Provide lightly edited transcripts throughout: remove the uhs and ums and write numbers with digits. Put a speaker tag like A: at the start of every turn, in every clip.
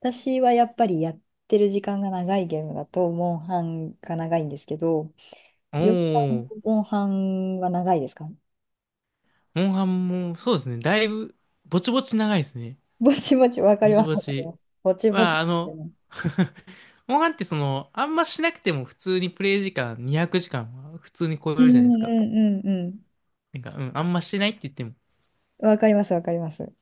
A: 私はやっぱりやってる時間が長いゲームだと、モンハンが長いんですけど、
B: お
A: ようさんの
B: ー、
A: モンハンは長いですか？
B: モンハンも、そうですね。だいぶ、ぼちぼち長いですね。
A: ぼちぼち、わかり
B: ぼち
A: ます、
B: ぼ
A: わかり
B: ち。
A: ます。ぼちぼち
B: まあ、
A: ですよね。
B: モンハンってあんましなくても普通にプレイ時間200時間は普通に超え
A: う
B: るじゃないです
A: んう
B: か。
A: んうん
B: あんましてないって言っても
A: うん。わかります、わかります。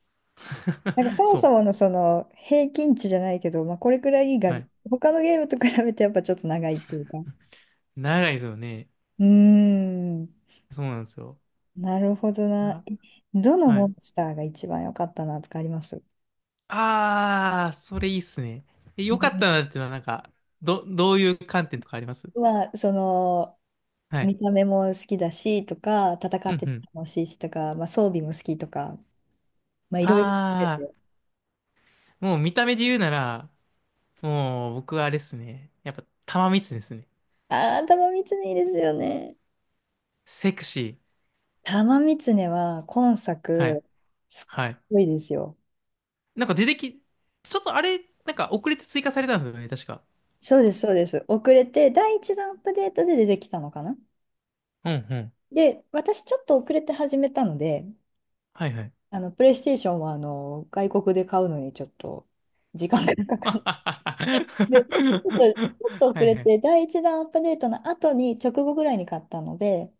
A: なんか そも
B: そ
A: そ
B: う。
A: ものその平均値じゃないけど、まあ、これくらいが、
B: はい。
A: 他のゲームと比べてやっぱちょっと長いっていうか。
B: 長いですよね。
A: うーん、
B: そうなんですよ。
A: なるほどな。
B: あ、
A: どの
B: は
A: モ
B: い。
A: ンスターが一番良かったなとかあります？
B: あー、それいいっすね。え
A: う
B: よかったな
A: ん。
B: っていうのは、どういう観点とかあります？
A: まあ、その、
B: はい。
A: 見た目も好きだしとか、戦
B: う
A: っ
B: ん
A: て
B: う
A: て
B: ん。
A: 楽しいしとか、まあ、装備も好きとか、まあ、い
B: あ
A: ろいろ含めて。
B: ー、もう見た目で言うなら、もう、僕はあれですね。やっぱ、玉三つですね。
A: ああ、玉三いいですよね。
B: セクシー。
A: 玉三つは今
B: は
A: 作、
B: い。
A: すっ
B: はい。
A: ごいですよ。
B: なんか出てき、ちょっとあれ、なんか遅れて追加されたんですよね、確か。
A: そうです、そうです。遅れて、第一弾アップデートで出てきたのかな。
B: うんうん。
A: で、私ちょっと遅れて始めたので、
B: はいはい。
A: あの、プレイステーションはあの外国で買うのにちょっと時間が かかって、ち
B: は
A: ょっと、ちょっと遅
B: い
A: れ
B: はい。
A: て、第一弾アップデートの後に、直後ぐらいに買ったので、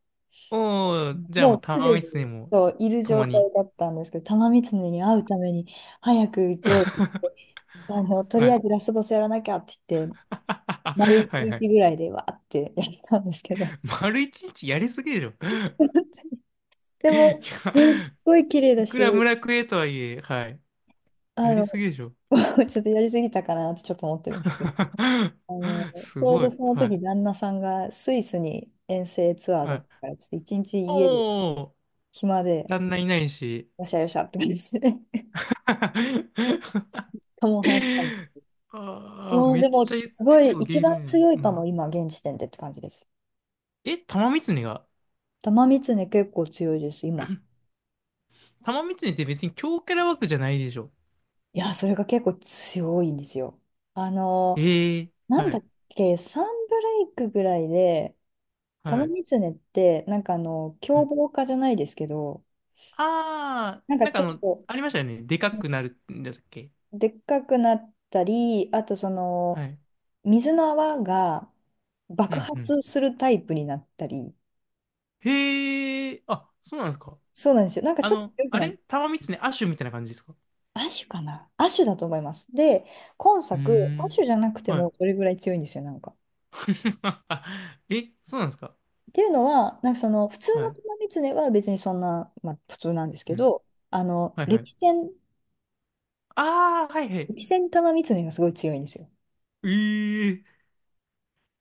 B: おー、じゃあも
A: も
B: う
A: うす
B: 玉
A: でに
B: 三つにも、
A: そういる状
B: 共に。
A: 態だったんですけど、玉三ネに会うために早く上位行って、 あの、と
B: は
A: りあえ
B: い。
A: ず ラスボスやらなきゃって言って、丸一
B: はいは
A: 日
B: い。
A: ぐらいでわーってやったんですけど、
B: 丸一日やりすぎでしょ。
A: で
B: いや、
A: も、すっごい綺麗
B: い
A: だ
B: くら
A: し、
B: 村クエとはいえ、はい。
A: あ
B: やり
A: の、
B: すぎでしょ。
A: ちょっとやりすぎたかなってちょっと思ってるんですけど、あの、ち
B: す
A: ょう
B: ご
A: ど
B: い。
A: その
B: は
A: 時
B: い。
A: 旦那さんがスイスに遠征ツアーだ
B: は
A: った
B: い。
A: から、ちょっと一日家で
B: おお、
A: 暇で、
B: 旦那いないし。
A: よしゃよしゃって感じで、カモンハン。
B: ああ、
A: うん、
B: め
A: で
B: っち
A: も、
B: ゃ言っ
A: す
B: て
A: ご
B: るこ
A: い、
B: とゲ
A: 一
B: ー
A: 番
B: ムやん。
A: 強い
B: う
A: か
B: ん。
A: も、今、現時点でって感じです。
B: え、玉三が
A: 玉三つね、結構強いです、今。
B: 玉三って別に強キャラ枠じゃないでしょ。
A: いや、それが結構強いんですよ。あの、
B: ええ、
A: なん
B: は
A: だ
B: い、
A: っけ、サンブレイクぐらいで、
B: は
A: 玉
B: い。
A: 三つねって、なんかあの、
B: は
A: 凶
B: い。
A: 暴化じゃないですけど、
B: ああ
A: なん
B: ー、
A: かちょっと、
B: ありましたよね。でかくなるんだっけ。
A: でっかくなったり、あとその、
B: はい。
A: 水の泡が
B: う
A: 爆
B: ん、うん。
A: 発するタイプになったり、
B: へえ、あ、そうなんですか。
A: そうなんですよ。なんかちょっと強く
B: あ
A: なっ、
B: れ玉三アッシュみたいな感じですか？
A: アシュかな、アシュだと思います。で、今
B: うー
A: 作、アシ
B: ん。
A: ュじゃなくて
B: は
A: もそれぐらい強いんですよ、なんか。
B: い。え、そうなんですか。
A: っていうのは、なんかその、普通
B: は
A: の
B: い。
A: 玉狐は別にそんな、まあ普通なんです
B: う
A: け
B: ん。
A: ど、あの、
B: はいはい。
A: 歴戦、
B: ああ、はいはい。
A: 歴戦玉狐がすごい強いんですよ。
B: ええ、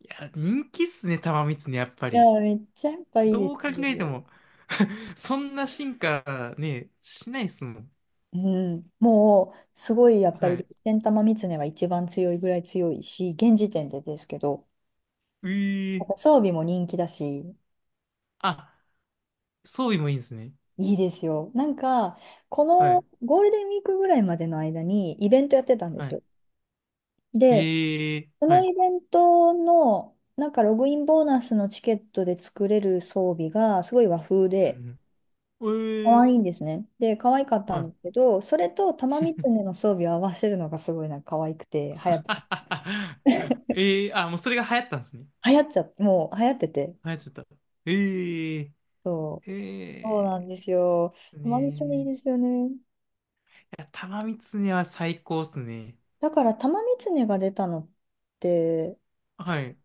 B: いや、人気っすね、玉三つね、やっぱ
A: いや
B: り。
A: ー、めっちゃやっぱいいで
B: どう
A: す
B: 考えて
A: よ。
B: も そんな進化ね、しないっすもん。
A: うん、もう、すごいやっぱ
B: は
A: り
B: い。
A: 歴戦玉ねは一番強いぐらい強いし、現時点でですけど、やっ
B: ええ、
A: ぱ装備も人気だし、
B: あ、装備もいいんですね。
A: いいですよ。なんか、こ
B: は
A: の
B: い。
A: ゴールデンウィークぐらいまでの間にイベントやってたんで
B: は
A: す
B: い。
A: よ。で、
B: ええ、
A: こ
B: は
A: のイ
B: い。
A: ベントの、なんかログインボーナスのチケットで作れる装備がすごい和風
B: う
A: で、
B: んうん。
A: 可
B: え
A: 愛いん
B: え、
A: ですね。で、可愛かったんで
B: は
A: すけど、それと玉三
B: い。
A: つねの装備を合わせるのがすごいなんか可愛くて流行ってます。
B: ええ、あ、もうそれが流行ったんですね。
A: 流行っちゃって、もう流行ってて。
B: 流行っちゃった。ええ。
A: そう。そうなん
B: え
A: ですよ。
B: え。
A: 玉三つねいい
B: ね
A: ですよね。
B: え。いや、玉三つねは最高っすね。
A: だから玉三つねが出たのって、
B: はい。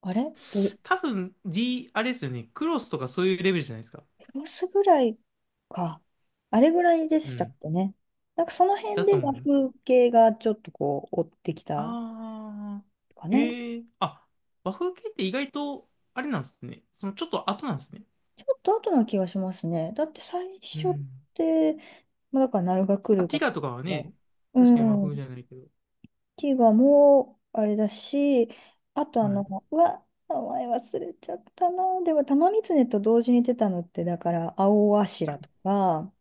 A: あれど、
B: 多分、D、あれですよね。クロスとかそういうレベルじゃないですか。
A: ロスぐらいか。あれぐらいで
B: う
A: したっ
B: ん。
A: けね。なんかその
B: だ
A: 辺で
B: と思
A: 和
B: います。
A: 風系がちょっとこう追ってきた
B: あ
A: か
B: ー。
A: ね。
B: えー。あ、和風系って意外と、あれなんですね。そのちょっと後なんですね。
A: ちょっと後な気がしますね。だって最
B: う
A: 初っ
B: ん。
A: て、まあ、だから鳴が来
B: ま
A: る
B: あ、テ
A: が、
B: ィガとかはね、
A: う
B: 確かに和風
A: ん、
B: じゃないけど。
A: ティガもあれだし、あと
B: は
A: あの、
B: い。
A: うわ、名前忘れちゃったな。でも玉三ねと同時に出たのって、だから青柱とか、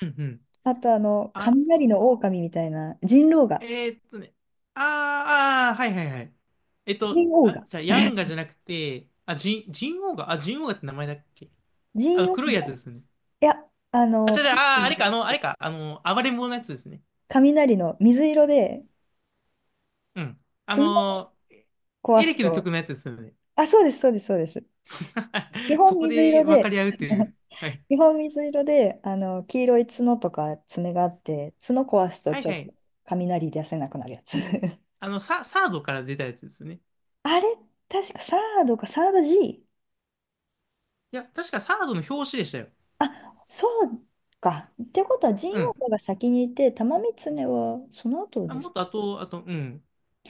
B: うんうん。
A: あとあの、
B: あ
A: 雷の
B: と、
A: 狼みたいな、人狼が、
B: ね。あー、あー、はいはいはい。えっと、
A: 人狼
B: あ、
A: が。
B: じゃあ、ヤンガじゃなくて、あ、ジン、ジンオウガ、あ、ジンオウガって名前だっけ？
A: ジンオウ
B: 黒いやつで
A: も、
B: すね。
A: いや、あ
B: あ、ちょ、
A: の、
B: じゃああー、あれか、あの、あれか、あの、暴れん坊のやつですね。
A: 雷の水色で、
B: うん。
A: 角を壊
B: エレ
A: す
B: キの曲
A: と、
B: のやつですよね。
A: あ、そうです、そうです、そうです。基 本
B: そこ
A: 水
B: で
A: 色
B: 分か
A: で、
B: り合うという。はい。
A: 基本水色で、あの、黄色い角とか爪があって、角壊すと
B: はい
A: ちょ
B: は
A: っと
B: い。
A: 雷出せなくなるやつ。
B: サードから出たやつですよね。
A: あれ、確かサードか、サード G？
B: いや、確かサードの表紙でしたよ。
A: あ、そうか。ってことは、神
B: う
A: 王
B: ん。
A: が先にいて、玉三常はその後
B: あ、
A: で
B: も
A: す。
B: っと後、あと、うん。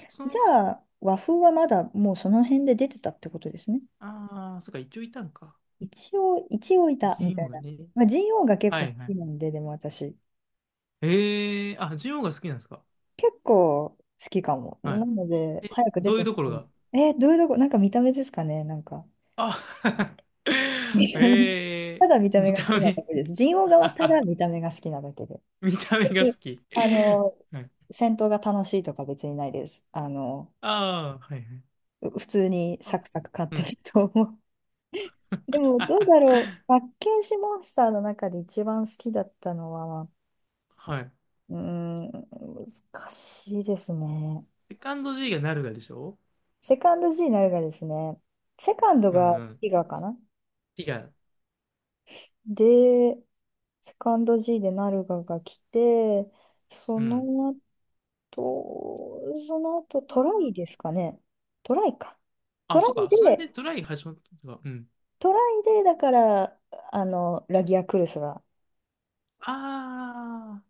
B: そ
A: じ
B: の、
A: ゃあ、和風はまだもうその辺で出てたってことですね。
B: ああ、そっか、一応いたんか。
A: 一応、一応いた、み
B: ジ
A: た
B: ンオウ
A: い
B: が
A: な。
B: ね。
A: まあ、ジンオウが結
B: は
A: 構好
B: いは
A: き
B: い。
A: なんで、でも私、
B: ええー、あ、ジンオウが好きなんですか。
A: 結構好きかも。
B: は
A: な
B: い。
A: ので、
B: え、
A: 早く出
B: どう
A: て
B: いう
A: ほ
B: とこ
A: しい。
B: ろが？
A: えーどういうとこ、なんか見た目ですかね、なんか。
B: あ、
A: 見 た目、
B: え
A: た
B: え
A: だ見た
B: ー、
A: 目
B: 見
A: が好き
B: た
A: なだ
B: 目。
A: けです。ジンオウ側はただ見 た目が好きなだけで。
B: 見た目が
A: で、
B: 好き。
A: あの、
B: はい。
A: 戦闘が楽しいとか別にないです。あの、
B: ああ、はいはい。
A: 普通にサ
B: あ、
A: クサク勝っ
B: う
A: て
B: ん。
A: ると思う。でも、どうだろう。パッケージモンスターの中で一番好きだったのは、
B: はい。
A: うーん、難しいですね。
B: セカンド G がなるがでしょ？
A: セカンド G になるがですね、セカンド
B: う
A: が
B: んうん。
A: ティガかな。
B: T が、
A: で、セカンド G でナルガが来て、そ
B: うん。
A: の後、その後
B: あ
A: トライ
B: ー、
A: ですかね。トライか。ト
B: あ
A: ラ
B: そっ
A: イ
B: か。その間
A: で、
B: にトライ始まったのか。うん。
A: トライで、だから、あの、ラギアクルスが
B: あ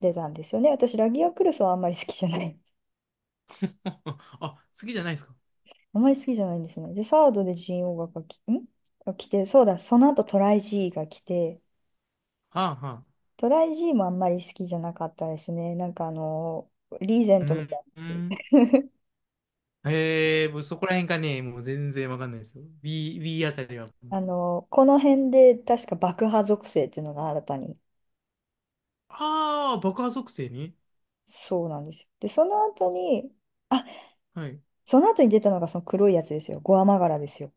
A: 出たんですよね。私、ラギアクルスはあんまり好きじゃない、
B: あ。あ、次じゃないですか。
A: あまり好きじゃないんですね。で、サードでジーオ o が来んが来て、そうだ、その後トライ G が来て、
B: はあはあ。
A: トライ G もあんまり好きじゃなかったですね。なんかあの、リーゼ
B: う
A: ントみた
B: ん。
A: い
B: うん。
A: なやつ。
B: へえ、もうそこら辺がね、もう全然わかんないですよ。B あたりは。
A: あの、この辺で確か爆破属性っていうのが新たに。
B: ああ、爆破属性ね。
A: そうなんですよ。で、その後に、あ、
B: はい。
A: その後に出たのがその黒いやつですよ。ゴアマガラですよ。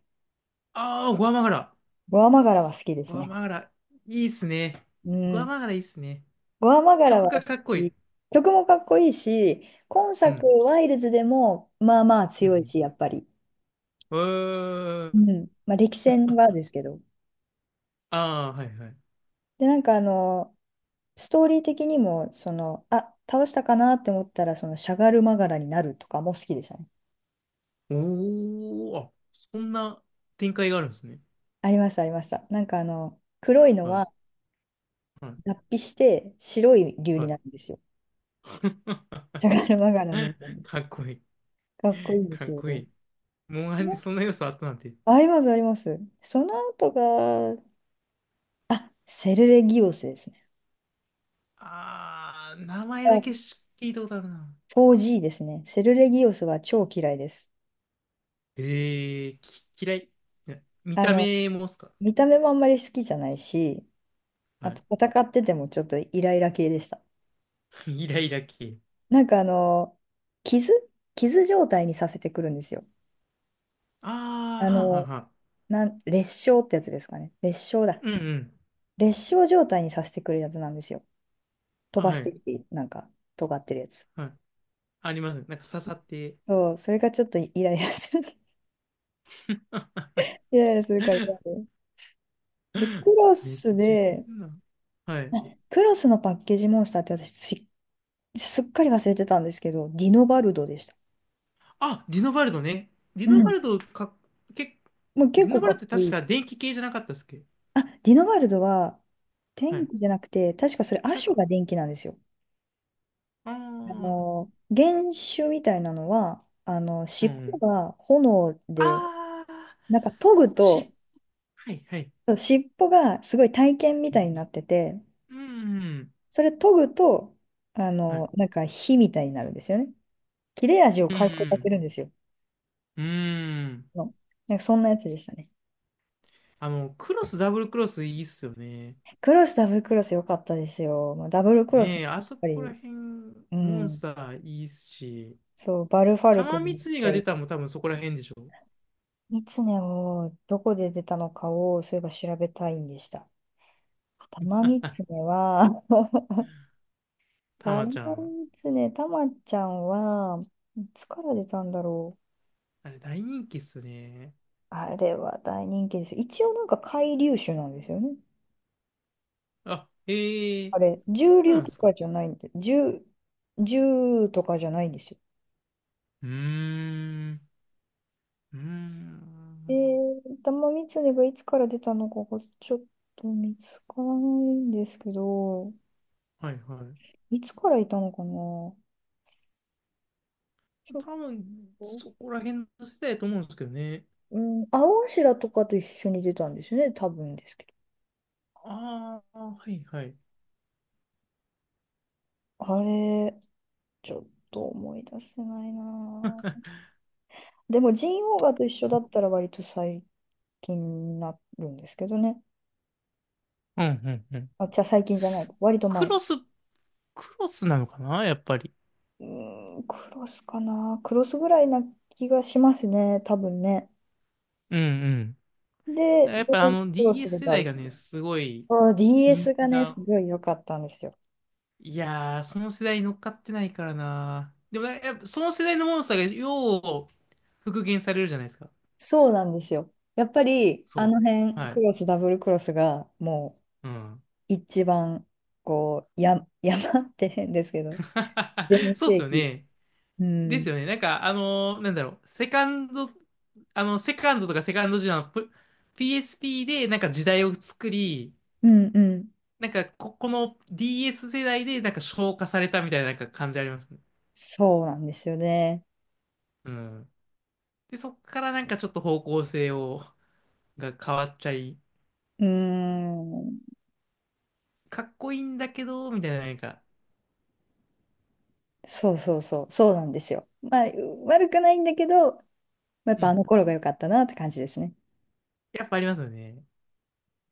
B: ああ、グアマガラ。
A: ゴアマガラは好きで
B: グ
A: す
B: ア
A: ね。
B: マガラ。いいっすね。
A: う
B: グア
A: ん。
B: マガラいいっすね。
A: ゴアマガラ
B: 曲
A: は
B: がかっこいい。
A: 曲もかっこいいし、今
B: う
A: 作、
B: ん。
A: ワイルズでもまあまあ
B: う
A: 強い
B: ん。
A: し、やっぱり。
B: うん。う
A: う
B: ーん。
A: ん。まあ、歴戦はですけど。
B: ああ、はいはい。
A: で、なんかあの、ストーリー的にも、その、あ、倒したかなって思ったら、その、しゃがるまがらになるとかも好きでしたね。
B: おー、あ、そんな展開があるんですね。
A: ありました、ありました。なんかあの、黒いの
B: はい。
A: は
B: はい。
A: 脱皮して白い竜
B: は
A: に
B: い。
A: なるんですよ。しゃがるまがらにな る。
B: かっこいい。
A: かっこいいんで
B: か
A: す
B: っ
A: よ。
B: こいい。モンハ
A: そ
B: ンに
A: の、
B: そんな要素あったなんて。
A: あります、あります。その後が、セルレギオスですね。
B: ああ、名前だけし聞いたことあるな。
A: 4G ですね。セルレギオスは超嫌いです。
B: ええき、嫌い。いや、見
A: あ
B: た
A: の、
B: 目もっすか？
A: 見た目もあんまり好きじゃないし、
B: は
A: あ
B: い。
A: と戦っててもちょっとイライラ系でした。
B: イライラ系。
A: なんかあの、傷傷状態にさせてくるんですよ。
B: ああ、
A: あ
B: はんはん
A: の、
B: はん。
A: なん、裂傷ってやつですかね。裂傷だ。
B: うんうん。
A: 裂傷状態にさせてくるやつなんですよ。
B: あ、
A: 飛ば
B: は
A: して
B: い。
A: きて、なんか、尖ってるやつ。
B: はい。ありますね。なんか刺さって。
A: そう、それがちょっとイライラする。イライラするから嫌で。で、クロ
B: めっ
A: ス
B: ちゃ言っ
A: で、
B: てんな。はい。
A: あ、クロスのパッケージモンスターって私、し、すっかり忘れてたんですけど、ディノバルドでした。
B: あ、ディノバルドね。ディ
A: う
B: ノバ
A: ん。
B: ルドか、け、
A: もう結
B: ディノ
A: 構
B: バ
A: か
B: ルドっ
A: っ
B: て
A: こい
B: 確
A: い。
B: か電気系じゃなかったっすっけ？
A: あ、ディノバルドは
B: は
A: 天
B: い。
A: 気じゃなくて、確かそれ亜
B: 違う
A: 種
B: か。
A: が電気なんですよ。
B: あ
A: あ
B: ー、
A: の、原種みたいなのは、あの、
B: う
A: 尻尾
B: ん。
A: が炎で、
B: あー、
A: なんか研ぐ
B: し、
A: と、
B: はいはい。
A: そう尻尾がすごい体剣みたいになってて、
B: うん。
A: それ研ぐと、あ
B: はい。
A: の、なんか火みたいになるんですよね。切れ味を
B: う
A: 回復させ
B: ん。
A: るんですよ。
B: うん。
A: の、なんかそんなやつでしたね。
B: あの、クロス、ダブルクロスいいっすよね。
A: クロス、ダブルクロス良かったですよ。まあ、ダブルクロス、や
B: ね
A: っ
B: え、あそ
A: ぱ
B: こら
A: り、
B: 辺、
A: う
B: モンス
A: ん。
B: ターいいっすし、
A: そう、バルファルク
B: 玉三
A: に行っ
B: 井が
A: た
B: 出
A: り、
B: たのも多分そこら辺でしょ。
A: ミツネをどこで出たのかを、そういえば調べたいんでした。タマミツネは、タマ
B: 玉
A: ミ
B: ちゃん。
A: ツネ、タマちゃんは、いつから出たんだろう。
B: あれ、大人気っすね。
A: あれは大人気ですよ。一応なんか海竜種なんですよね。
B: あ、ええー、
A: あれ、獣
B: そう
A: 竜
B: なんで
A: と
B: すか。
A: かじゃないんで、獣とかじゃないんですよ。
B: うーん、うー
A: え
B: ん。
A: ー、玉三つねがいつから出たのかがちょっと見つからないんですけど、
B: はいは
A: いつからいたのかな、ち
B: い。
A: ょっ
B: 多分、
A: と、
B: そこら辺の世代だと思うんですけどね。
A: うん、青柱とかと一緒に出たんですよね、多分ですけど。
B: ああ、はいはい。
A: あれ、ちょっと思い出せないなぁ。でも、ジンオウガと一緒だったら割と最近になるんですけどね。
B: うんうんうん。
A: あ、じゃあ最近じゃない。割と
B: ク
A: 前。
B: ロス、クロスなのかなやっぱり。
A: うーん、クロスかな。クロスぐらいな気がしますね、多分ね。
B: うんうん。
A: で、
B: やっぱあの
A: どうす
B: DS
A: れ
B: 世
A: ばあ
B: 代
A: る
B: がね、すごい
A: そう、
B: 人
A: DS
B: 気
A: がね、
B: が。
A: すごい良かったんですよ。
B: いやー、その世代に乗っかってないからな。でもやっぱその世代のモンスターがよう復元されるじゃないですか。
A: そうなんですよ。やっぱり、あ
B: そ
A: の
B: う。
A: 辺、
B: は
A: ク
B: い。
A: ロス、ダブルクロスが、も
B: うん。
A: う、一番、こう、や、山って変ですけど、全
B: そうっす
A: 盛
B: よ
A: 期。
B: ね。
A: う
B: で
A: ん。
B: すよね。なんか、あのーなんだろう。セカンド、あの、セカンドとかセカンドジュナの PSP でなんか時代を作り、
A: うんうん。
B: この DS 世代でなんか消化されたみたいななんか感じありますね。
A: そうなんですよね。
B: うん。で、そっからなんかちょっと方向性を、が変わっちゃい、
A: うーん。
B: かっこいいんだけど、みたいななんか、
A: そうそうそう。そうなんですよ。まあ、悪くないんだけど、まあやっ
B: う
A: ぱあ
B: ん。
A: の頃が良かったなって感じですね。
B: やっぱありますよね。